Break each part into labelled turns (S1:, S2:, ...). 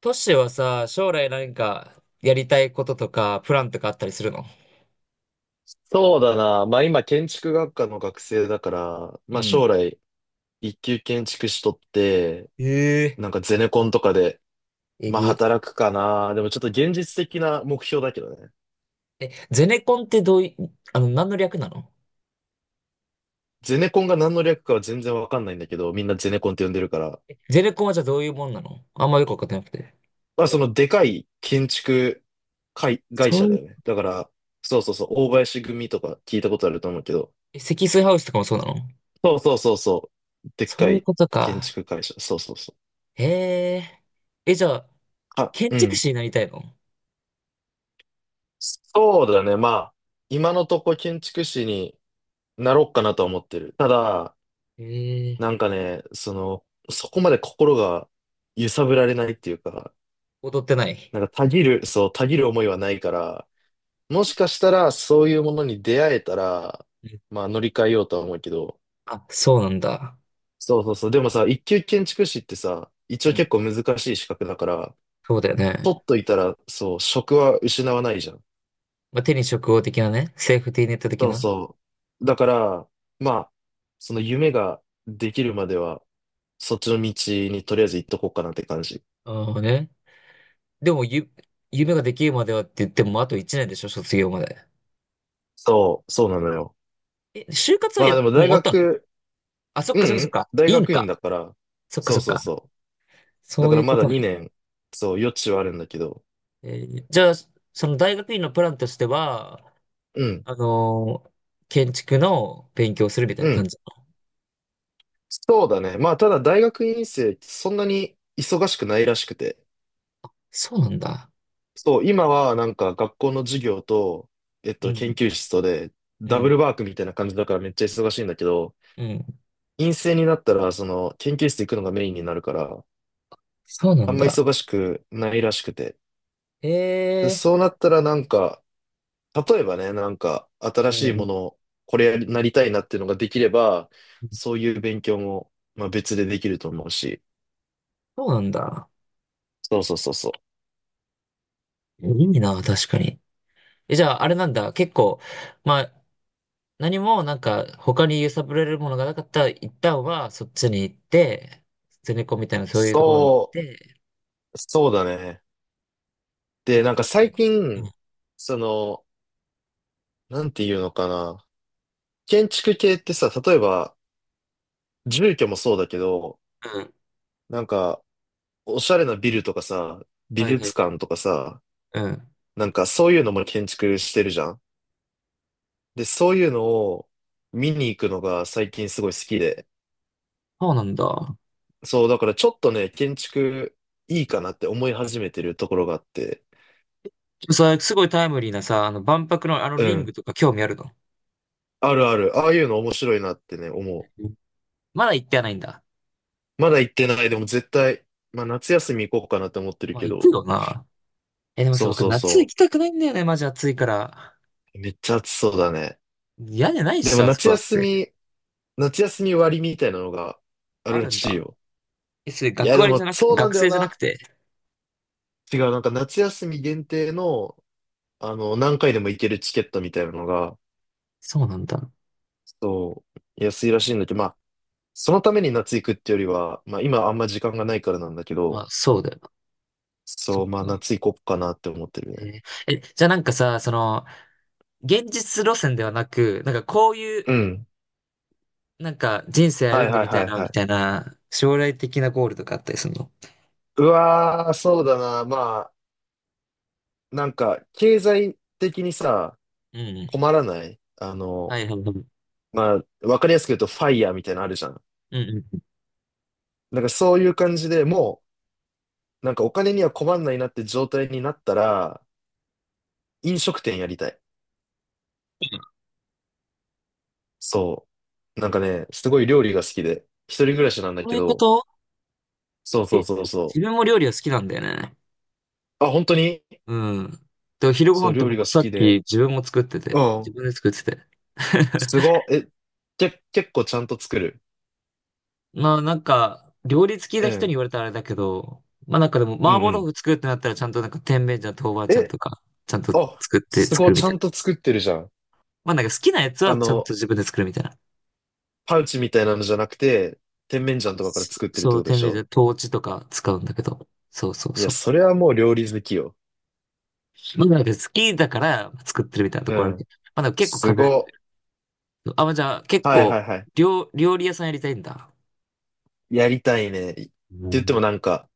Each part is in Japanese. S1: トシはさ、将来何かやりたいこととか、プランとかあったりするの？
S2: そうだな。まあ今建築学科の学生だから、
S1: う
S2: まあ
S1: ん。
S2: 将来一級建築士とって、な
S1: え
S2: んかゼネコンとかで、
S1: え。え
S2: まあ
S1: ぐ。
S2: 働くかな。でもちょっと現実的な目標だけどね。
S1: え、ゼネコンってどうい、あの、何の略なの？
S2: ゼネコンが何の略かは全然わかんないんだけど、みんなゼネコンって呼んでるから。
S1: え、ゼネコンはじゃあどういうもんなの？あんまよくわかってなくて。
S2: まあそのでかい建築会、会
S1: そう
S2: 社
S1: い
S2: だ
S1: う、
S2: よね。だから、そうそうそう、大林組とか聞いたことあると思うけど。
S1: え、積水ハウスとかもそうなの？
S2: そうそうそうそう。でっ
S1: そ
S2: か
S1: ういう
S2: い
S1: こと
S2: 建
S1: か。
S2: 築会社。そうそうそう。
S1: へえ。え、じゃあ、
S2: あ、
S1: 建
S2: う
S1: 築
S2: ん。
S1: 士になりたいの？
S2: そうだね。まあ、今のとこ建築士になろうかなとは思ってる。ただ、
S1: へえ。
S2: なんかね、その、そこまで心が揺さぶられないっていうか、
S1: 踊ってない？
S2: なんかたぎる思いはないから、もしかしたらそういうものに出会えたら、
S1: うん。
S2: まあ乗り換えようとは思うけど、
S1: あ、そうなんだ。
S2: そうそうそう。でもさ、一級建築士ってさ、一
S1: う
S2: 応
S1: ん。
S2: 結構難しい資格だから、
S1: そうだよね。
S2: 取っといたら、そう、職は失わないじゃん。
S1: まあ、手に職業的なね。セーフティーネット的
S2: そう
S1: な。
S2: そう。だから、まあ、その夢ができるまでは、そっちの道にとりあえず行っとこうかなって感じ。
S1: ああね。でもゆ、夢ができるまではって言っても、あと1年でしょ、卒業まで。
S2: そうなのよ。
S1: え、就活は
S2: まあ
S1: もう
S2: でも
S1: 終
S2: 大
S1: わったの？
S2: 学、
S1: あ、そっ
S2: う
S1: かそっかそっ
S2: ん、
S1: か。
S2: 大
S1: いいん
S2: 学院
S1: か。
S2: だから、
S1: そっか
S2: そ
S1: そ
S2: う
S1: っ
S2: そう
S1: か。
S2: そう。だ
S1: そう
S2: か
S1: い
S2: ら
S1: うこ
S2: まだ
S1: とね。
S2: 2年、そう、余地はあるんだけど、
S1: えじゃあ、その大学院のプランとしては、
S2: うん、
S1: あのー建築の勉強をするみたい
S2: う
S1: な感
S2: ん。
S1: じ。
S2: そうだね。まあただ大学院生、そんなに忙しくないらしくて。
S1: そうなんだ。
S2: そう、今はなんか学校の授業と、
S1: う
S2: 研
S1: ん、
S2: 究室とで、
S1: う
S2: ダブ
S1: ん、
S2: ルワークみたいな感じだからめっちゃ忙しいんだけど、
S1: うん。
S2: 陰性になったら、その、研究室行くのがメインになるから、
S1: そうな
S2: あ
S1: ん
S2: んま
S1: だ。
S2: 忙しくないらしくて。で、
S1: ええ、
S2: そうなったらなんか、例えばね、なんか、
S1: う
S2: 新しいも
S1: ん、
S2: のを、これやりなりたいなっていうのができれば、そういう勉強も、まあ別でできると思うし。
S1: そうなんだ。
S2: そうそうそうそう。
S1: いいな、確かに。え、じゃあ、あれなんだ。結構、まあ、何もなんか他に揺さぶられるものがなかったら一旦はそっちに行って、ゼネコンみたいなそういうところに行っ
S2: そ
S1: て、っ
S2: そうだね。
S1: てい
S2: で、な
S1: う
S2: んか
S1: 感じ。
S2: 最
S1: う
S2: 近、
S1: ん。
S2: その、なんていうのかな。建築系ってさ、例えば、住居もそうだけど、
S1: うん。
S2: なんか、おしゃれなビルとかさ、美
S1: はいは
S2: 術
S1: い。
S2: 館とかさ、
S1: うん。
S2: なんかそういうのも建築してるじゃん。で、そういうのを見に行くのが最近すごい好きで。
S1: そうなんだ。
S2: そう、だからちょっとね、建築いいかなって思い始めてるところがあって。
S1: すごいタイムリーなさ、あの万博のあの
S2: う
S1: リング
S2: ん。
S1: とか興味あるの？
S2: あるある。ああいうの面白いなってね、思
S1: うん。まだ行ってはないんだ。
S2: う。まだ行ってない。でも絶対、まあ夏休み行こうかなって思ってる
S1: まあ
S2: け
S1: 行く
S2: ど。
S1: よな。え、でもさ、
S2: そう
S1: 僕
S2: そう
S1: 夏行
S2: そ
S1: きたくないんだよね、マジ暑いから。
S2: う。めっちゃ暑そうだね。
S1: 屋根ないっ
S2: で
S1: し
S2: も
S1: ょ、あそ
S2: 夏
S1: こだっ
S2: 休
S1: て。
S2: み、夏休み割みたいなのがあ
S1: あ
S2: るら
S1: るん
S2: しい
S1: だ。
S2: よ。
S1: え、それ
S2: いや、
S1: 学
S2: で
S1: 割じゃ
S2: も
S1: なく、
S2: そうなん
S1: 学
S2: だよ
S1: 生じゃなく
S2: な。
S1: て。
S2: 違う、なんか夏休み限定の何回でも行けるチケットみたいなのが、
S1: そうなんだ。
S2: そう、安いらしいんだけど、まあ、そのために夏行くってよりは、まあ今あんま時間がないからなんだけ
S1: ま
S2: ど、
S1: あそうだよな。そ
S2: そ
S1: っ
S2: う、まあ
S1: か。
S2: 夏行こっかなって思ってる
S1: え
S2: ね。
S1: え、じゃあなんかさ、その、現実路線ではなく、なんかこういう、
S2: うん。
S1: なんか人生
S2: はい
S1: 歩んで
S2: はい
S1: みた
S2: は
S1: い
S2: い
S1: な、
S2: は
S1: み
S2: い。
S1: たいな、将来的なゴールとかあったりするの？
S2: うわー、そうだな。まあ、なんか、経済的にさ、
S1: うん。
S2: 困らない
S1: はいはいはい。うん
S2: まあ、わかりやすく言うと、ファイヤーみたいなのあるじゃん。
S1: うん。
S2: なんかそういう感じでもう、なんかお金には困んないなって状態になったら、飲食店やりたい。そう。なんかね、すごい料理が好きで、一人暮らしなんだ
S1: そう
S2: け
S1: いうこ
S2: ど、
S1: と？
S2: そうそ
S1: え、
S2: うそう
S1: 自
S2: そ
S1: 分も料理は好きなんだよね。
S2: う。あ、本当に
S1: うん。で、昼ご
S2: そう、
S1: 飯と
S2: 料
S1: か
S2: 理
S1: も
S2: が好
S1: さっ
S2: き
S1: き
S2: で。
S1: 自分も作って
S2: う
S1: て、自
S2: ん。
S1: 分で作ってて。
S2: すご い。え、結構ちゃんと作る？
S1: まあなんか、料理好き
S2: う
S1: な人に
S2: ん。
S1: 言われたらあれだけど、まあなんかでも、
S2: う
S1: 麻
S2: んう
S1: 婆豆
S2: ん。
S1: 腐作るってなったらちゃんとなんか甜麺醤豆板醤
S2: え、
S1: とか、ちゃんと
S2: あ、
S1: 作って
S2: す
S1: 作
S2: ごい、
S1: るみ
S2: ちゃ
S1: たい
S2: ん
S1: な。
S2: と作ってるじゃん。
S1: まあなんか好きなやつ
S2: あ
S1: はちゃんと
S2: の、
S1: 自分で作るみたいな。
S2: パウチみたいなのじゃなくて、甜麺
S1: あ、
S2: 醤とかから
S1: そ
S2: 作ってるっ
S1: そ
S2: て
S1: う、
S2: ことで
S1: 店
S2: し
S1: 名で
S2: ょ？
S1: トーチとか使うんだけど。そうそう
S2: いや、
S1: そ
S2: それはもう料理好きよ。
S1: う。まあなんか好きだから作ってるみたいなと
S2: う
S1: ころあるけ
S2: ん。
S1: ど。まあでも結構
S2: す
S1: 風
S2: ご
S1: 邪。あ、まあじゃあ結
S2: い。はい
S1: 構
S2: はいはい。
S1: 料理屋さんやりたいんだ。
S2: やりたいね。って
S1: う
S2: 言って
S1: ん。
S2: もなんか、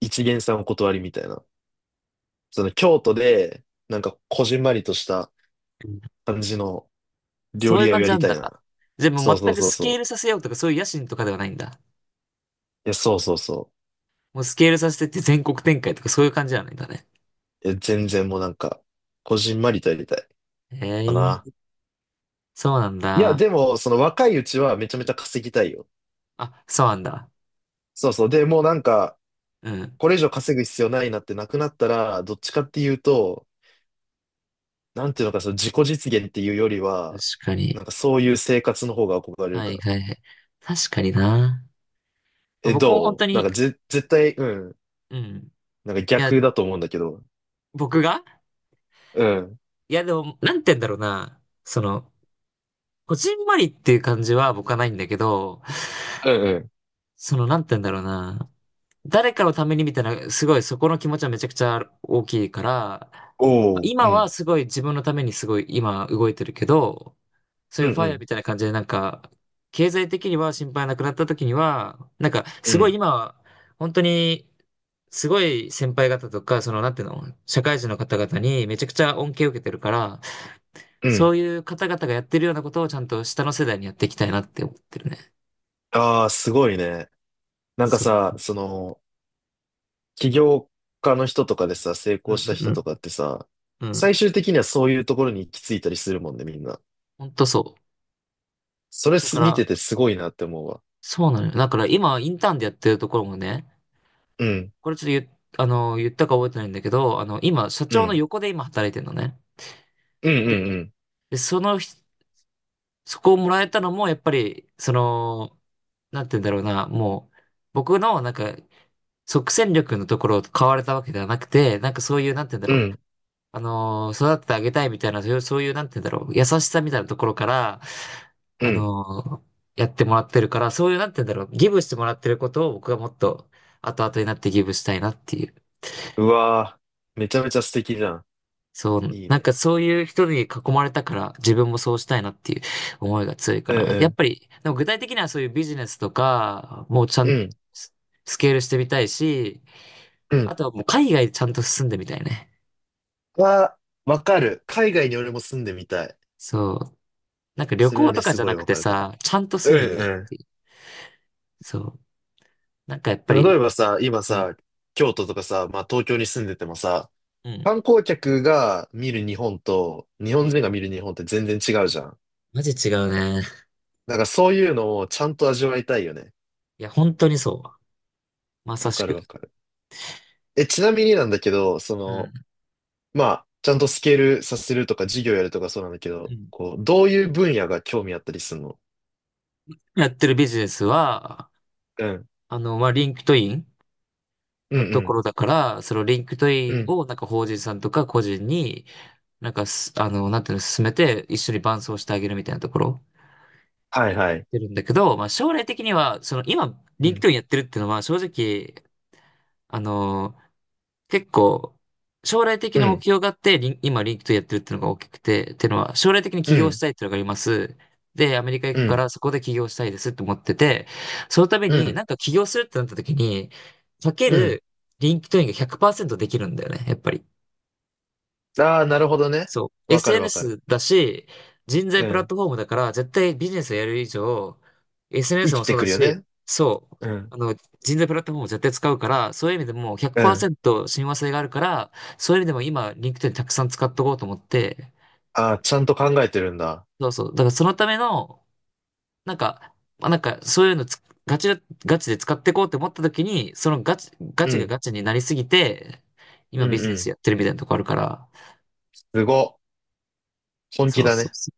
S2: 一見さんお断りみたいな。その京都で、なんかこじんまりとした感じの料
S1: そうい
S2: 理
S1: う
S2: 屋を
S1: 感
S2: や
S1: じな
S2: り
S1: ん
S2: たい
S1: だ。
S2: な。
S1: じゃあも
S2: そう
S1: う
S2: そ
S1: 全
S2: う
S1: く
S2: そう
S1: ス
S2: そ
S1: ケー
S2: う。
S1: ルさせようとかそういう野心とかではないんだ。
S2: いや、そうそうそ
S1: もうスケールさせてって全国展開とかそういう感じじゃないんだね。
S2: う。いや、全然もうなんか、こじんまりとやりたい
S1: へ
S2: かな。
S1: え、そうなん
S2: いや、
S1: だ。
S2: でも、その若いうちはめちゃめちゃ稼ぎたいよ。
S1: あ、そうなんだ。
S2: そうそう。で、もうなんか、
S1: うん。
S2: これ以上稼ぐ必要ないなってなくなったら、どっちかっていうと、なんていうのか、その自己実現っていうより
S1: 確
S2: は、
S1: か
S2: な
S1: に。
S2: んかそういう生活の方が憧れる
S1: は
S2: か
S1: い
S2: ら。
S1: はいはい。確かにな。まあ
S2: え、
S1: 僕も本
S2: ど
S1: 当
S2: うなん
S1: に、
S2: か絶対、うん。
S1: うん。
S2: なんか
S1: いや、
S2: 逆だと思うんだけど。
S1: 僕が
S2: うん。
S1: いや、でも、なんて言うんだろうな。その、こじんまりっていう感じは僕はないんだけど、
S2: うんうん、
S1: その、なんて言うんだろうな。誰かのためにみたいな、すごいそこの気持ちはめちゃくちゃ大きいから、まあ
S2: おお、う
S1: 今は
S2: ん、
S1: すごい自分のためにすごい今動いてるけど、そ
S2: う
S1: うい
S2: ん、
S1: うフ
S2: う
S1: ァイヤーみ
S2: ん、
S1: たいな感じでなんか、経済的には心配なくなった時には、なんか
S2: う
S1: すごい
S2: ん、
S1: 今は、本当に、すごい先輩方とか、その、なんていうの、社会人の方々にめちゃくちゃ恩恵を受けてるから、
S2: う
S1: そ
S2: ん。
S1: ういう方々がやってるようなことをちゃんと下の世代にやっていきたいなって思ってるね。
S2: ああ、すごいね。なんか
S1: そう
S2: さ、
S1: そう。
S2: その、起業家の人とかでさ、成
S1: うん
S2: 功した
S1: う
S2: 人
S1: ん
S2: とかってさ、
S1: うん。うん。
S2: 最終的にはそういうところに行き着いたりするもんね、みんな。
S1: ほんとそう。
S2: それ
S1: だか
S2: 見
S1: ら、
S2: ててすごいなって思うわ。
S1: そうなのよ。だから今、インターンでやってるところもね、
S2: うん、
S1: これちょっと言っ、あの、言ったか覚えてないんだけど、あの、今、社
S2: う
S1: 長の
S2: ん、
S1: 横で今働いてるのね。
S2: うん、
S1: で、
S2: うん、
S1: でそのひ、そこをもらえたのも、やっぱり、その、なんて言うんだろうな、もう、僕の、なんか、即戦力のところを買われたわけではなくて、なんかそういう、なんて言うんだ
S2: うん、
S1: ろ
S2: う
S1: う、
S2: ん、
S1: 育ててあげたいみたいな、そういうなんて言うんだろう、優しさみたいなところから、
S2: う
S1: あ
S2: ん。
S1: のーやってもらってるから、そういうなんて言うんだろう、ギブしてもらってることを僕がもっと後々になってギブしたいなっていう。
S2: うわーめちゃめちゃ素敵じゃん。
S1: そう、
S2: いい
S1: なん
S2: ね。
S1: かそういう人に囲まれたから自分もそうしたいなっていう思いが強いか
S2: うん、
S1: な。
S2: う
S1: やっ
S2: ん、
S1: ぱり、でも具体的にはそういうビジネスとか、もうちゃ
S2: う
S1: ん、
S2: ん、
S1: ススケールしてみたいし、
S2: うん。
S1: あとはもう海外ちゃんと住んでみたいね。
S2: わーわかる。海外に俺も住んでみたい。
S1: そう。なんか旅
S2: それは
S1: 行
S2: ね、
S1: とか
S2: す
S1: じゃ
S2: ごい
S1: なく
S2: わ
S1: て
S2: かるかな。
S1: さ、ちゃんと住んでみる
S2: う
S1: っ
S2: ん、
S1: ていう。そう。なんかやっぱ
S2: 例
S1: り、
S2: えばさ、今
S1: うん、
S2: さ、京都とかさ、まあ東京に住んでてもさ、
S1: うん。
S2: 観光客が見る日本と日
S1: う
S2: 本
S1: ん。
S2: 人が見る日本って全然違うじゃん。
S1: マジ違うね。
S2: なんからそういうのをちゃんと味わいたいよね。
S1: いや、本当にそう。まさ
S2: わ
S1: し
S2: かる
S1: く。
S2: わかる。え、ちなみになんだけど、そ
S1: う
S2: の、
S1: ん。
S2: まあ、ちゃんとスケールさせるとか事業やるとかそうなんだけ
S1: う
S2: ど、
S1: ん。
S2: こう、どういう分野が興味あったりするの？
S1: やってるビジネスは、
S2: うん。
S1: あの、まあ、リンクトイン
S2: うん
S1: の
S2: う
S1: とこ
S2: ん。
S1: ろだから、そのリンクトイ
S2: う
S1: ン
S2: ん。
S1: をなんか法人さんとか個人に、なんかす、あの、なんていうの、進めて一緒に伴走してあげるみたいなところ
S2: はい
S1: や
S2: は
S1: っ
S2: い。
S1: てるんだけど、まあ、将来的には、その今、
S2: う
S1: リンク
S2: ん。
S1: トインやってるっていうのは正直、あの、結構、将来的
S2: う
S1: な目
S2: ん。
S1: 標があって、リンクトインやってるっていうのが大きくて、っていうのは、将来的に
S2: う
S1: 起業し
S2: ん。
S1: たいっていうのがあります。で、アメリカ行
S2: う
S1: くか
S2: ん。
S1: ら、そこで起業したいですって思ってて、そのため
S2: う
S1: に、
S2: ん。
S1: なんか起業するってなった時に、かけ
S2: うん。
S1: る、リンクトインが100%できるんだよね、やっぱり。
S2: ああ、なるほどね。
S1: そう、
S2: わかるわかる。
S1: SNS だし、人
S2: う
S1: 材プラッ
S2: ん。
S1: トフォームだから、絶対ビジネスをやる以上、
S2: 生
S1: SNS も
S2: き
S1: そ
S2: て
S1: うだ
S2: くるよ
S1: し、
S2: ね。
S1: そう、
S2: うん
S1: あの、人材プラットフォームを絶対使うから、そういう意味でもう
S2: うん。
S1: 100%親和性があるから、そういう意味でも今、リンクトインたくさん使っとこうと思って、
S2: ああ、ちゃんと考えてるんだ。
S1: そうそう、だからそのための、なんか、まあ、なんか、そういうのつガチ、ガチで使っていこうと思った時に、そのガチ、ガ
S2: う
S1: チが
S2: ん。
S1: ガチになりすぎて、今
S2: うん
S1: ビ
S2: う
S1: ジネス
S2: ん。
S1: やってるみたいなとこあるから、
S2: すご。本気
S1: そう
S2: だ
S1: そう
S2: ね。
S1: そ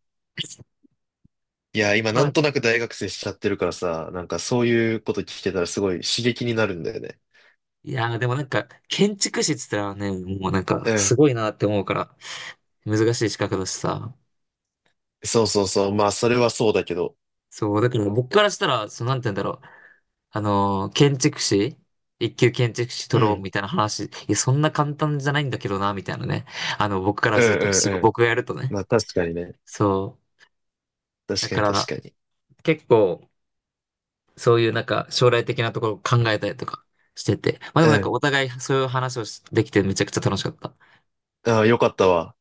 S2: いや、今なん
S1: う。
S2: となく大学生しちゃってるからさ、なんかそういうこと聞けたらすごい刺激になるんだよね。
S1: いやー、でもなんか、建築士って言ったらね、もうなんか、
S2: う
S1: す
S2: ん。
S1: ごいなって思うから、難しい資格だしさ。
S2: そうそうそう。まあ、それはそうだけど。
S1: そう、だから僕からしたら、その、なんて言うんだろう。あのー建築士一級建築士
S2: う
S1: 取ろう
S2: ん。
S1: みたいな話、いや、そんな簡単じゃないんだけどな、みたいなね。あの、僕から
S2: うん
S1: すると、
S2: う
S1: す
S2: ん
S1: ごい、
S2: う
S1: 僕が
S2: ん。
S1: やるとね。
S2: まあ、確かにね。
S1: そう。だ
S2: 確か
S1: か
S2: に確
S1: ら、
S2: かに。
S1: 結構、そういうなんか、将来的なところを考えたりとかしてて。まあで
S2: う
S1: もなんか、
S2: ん。
S1: お互いそういう話をしできて、めちゃくちゃ楽しかった。
S2: ああ、よかったわ。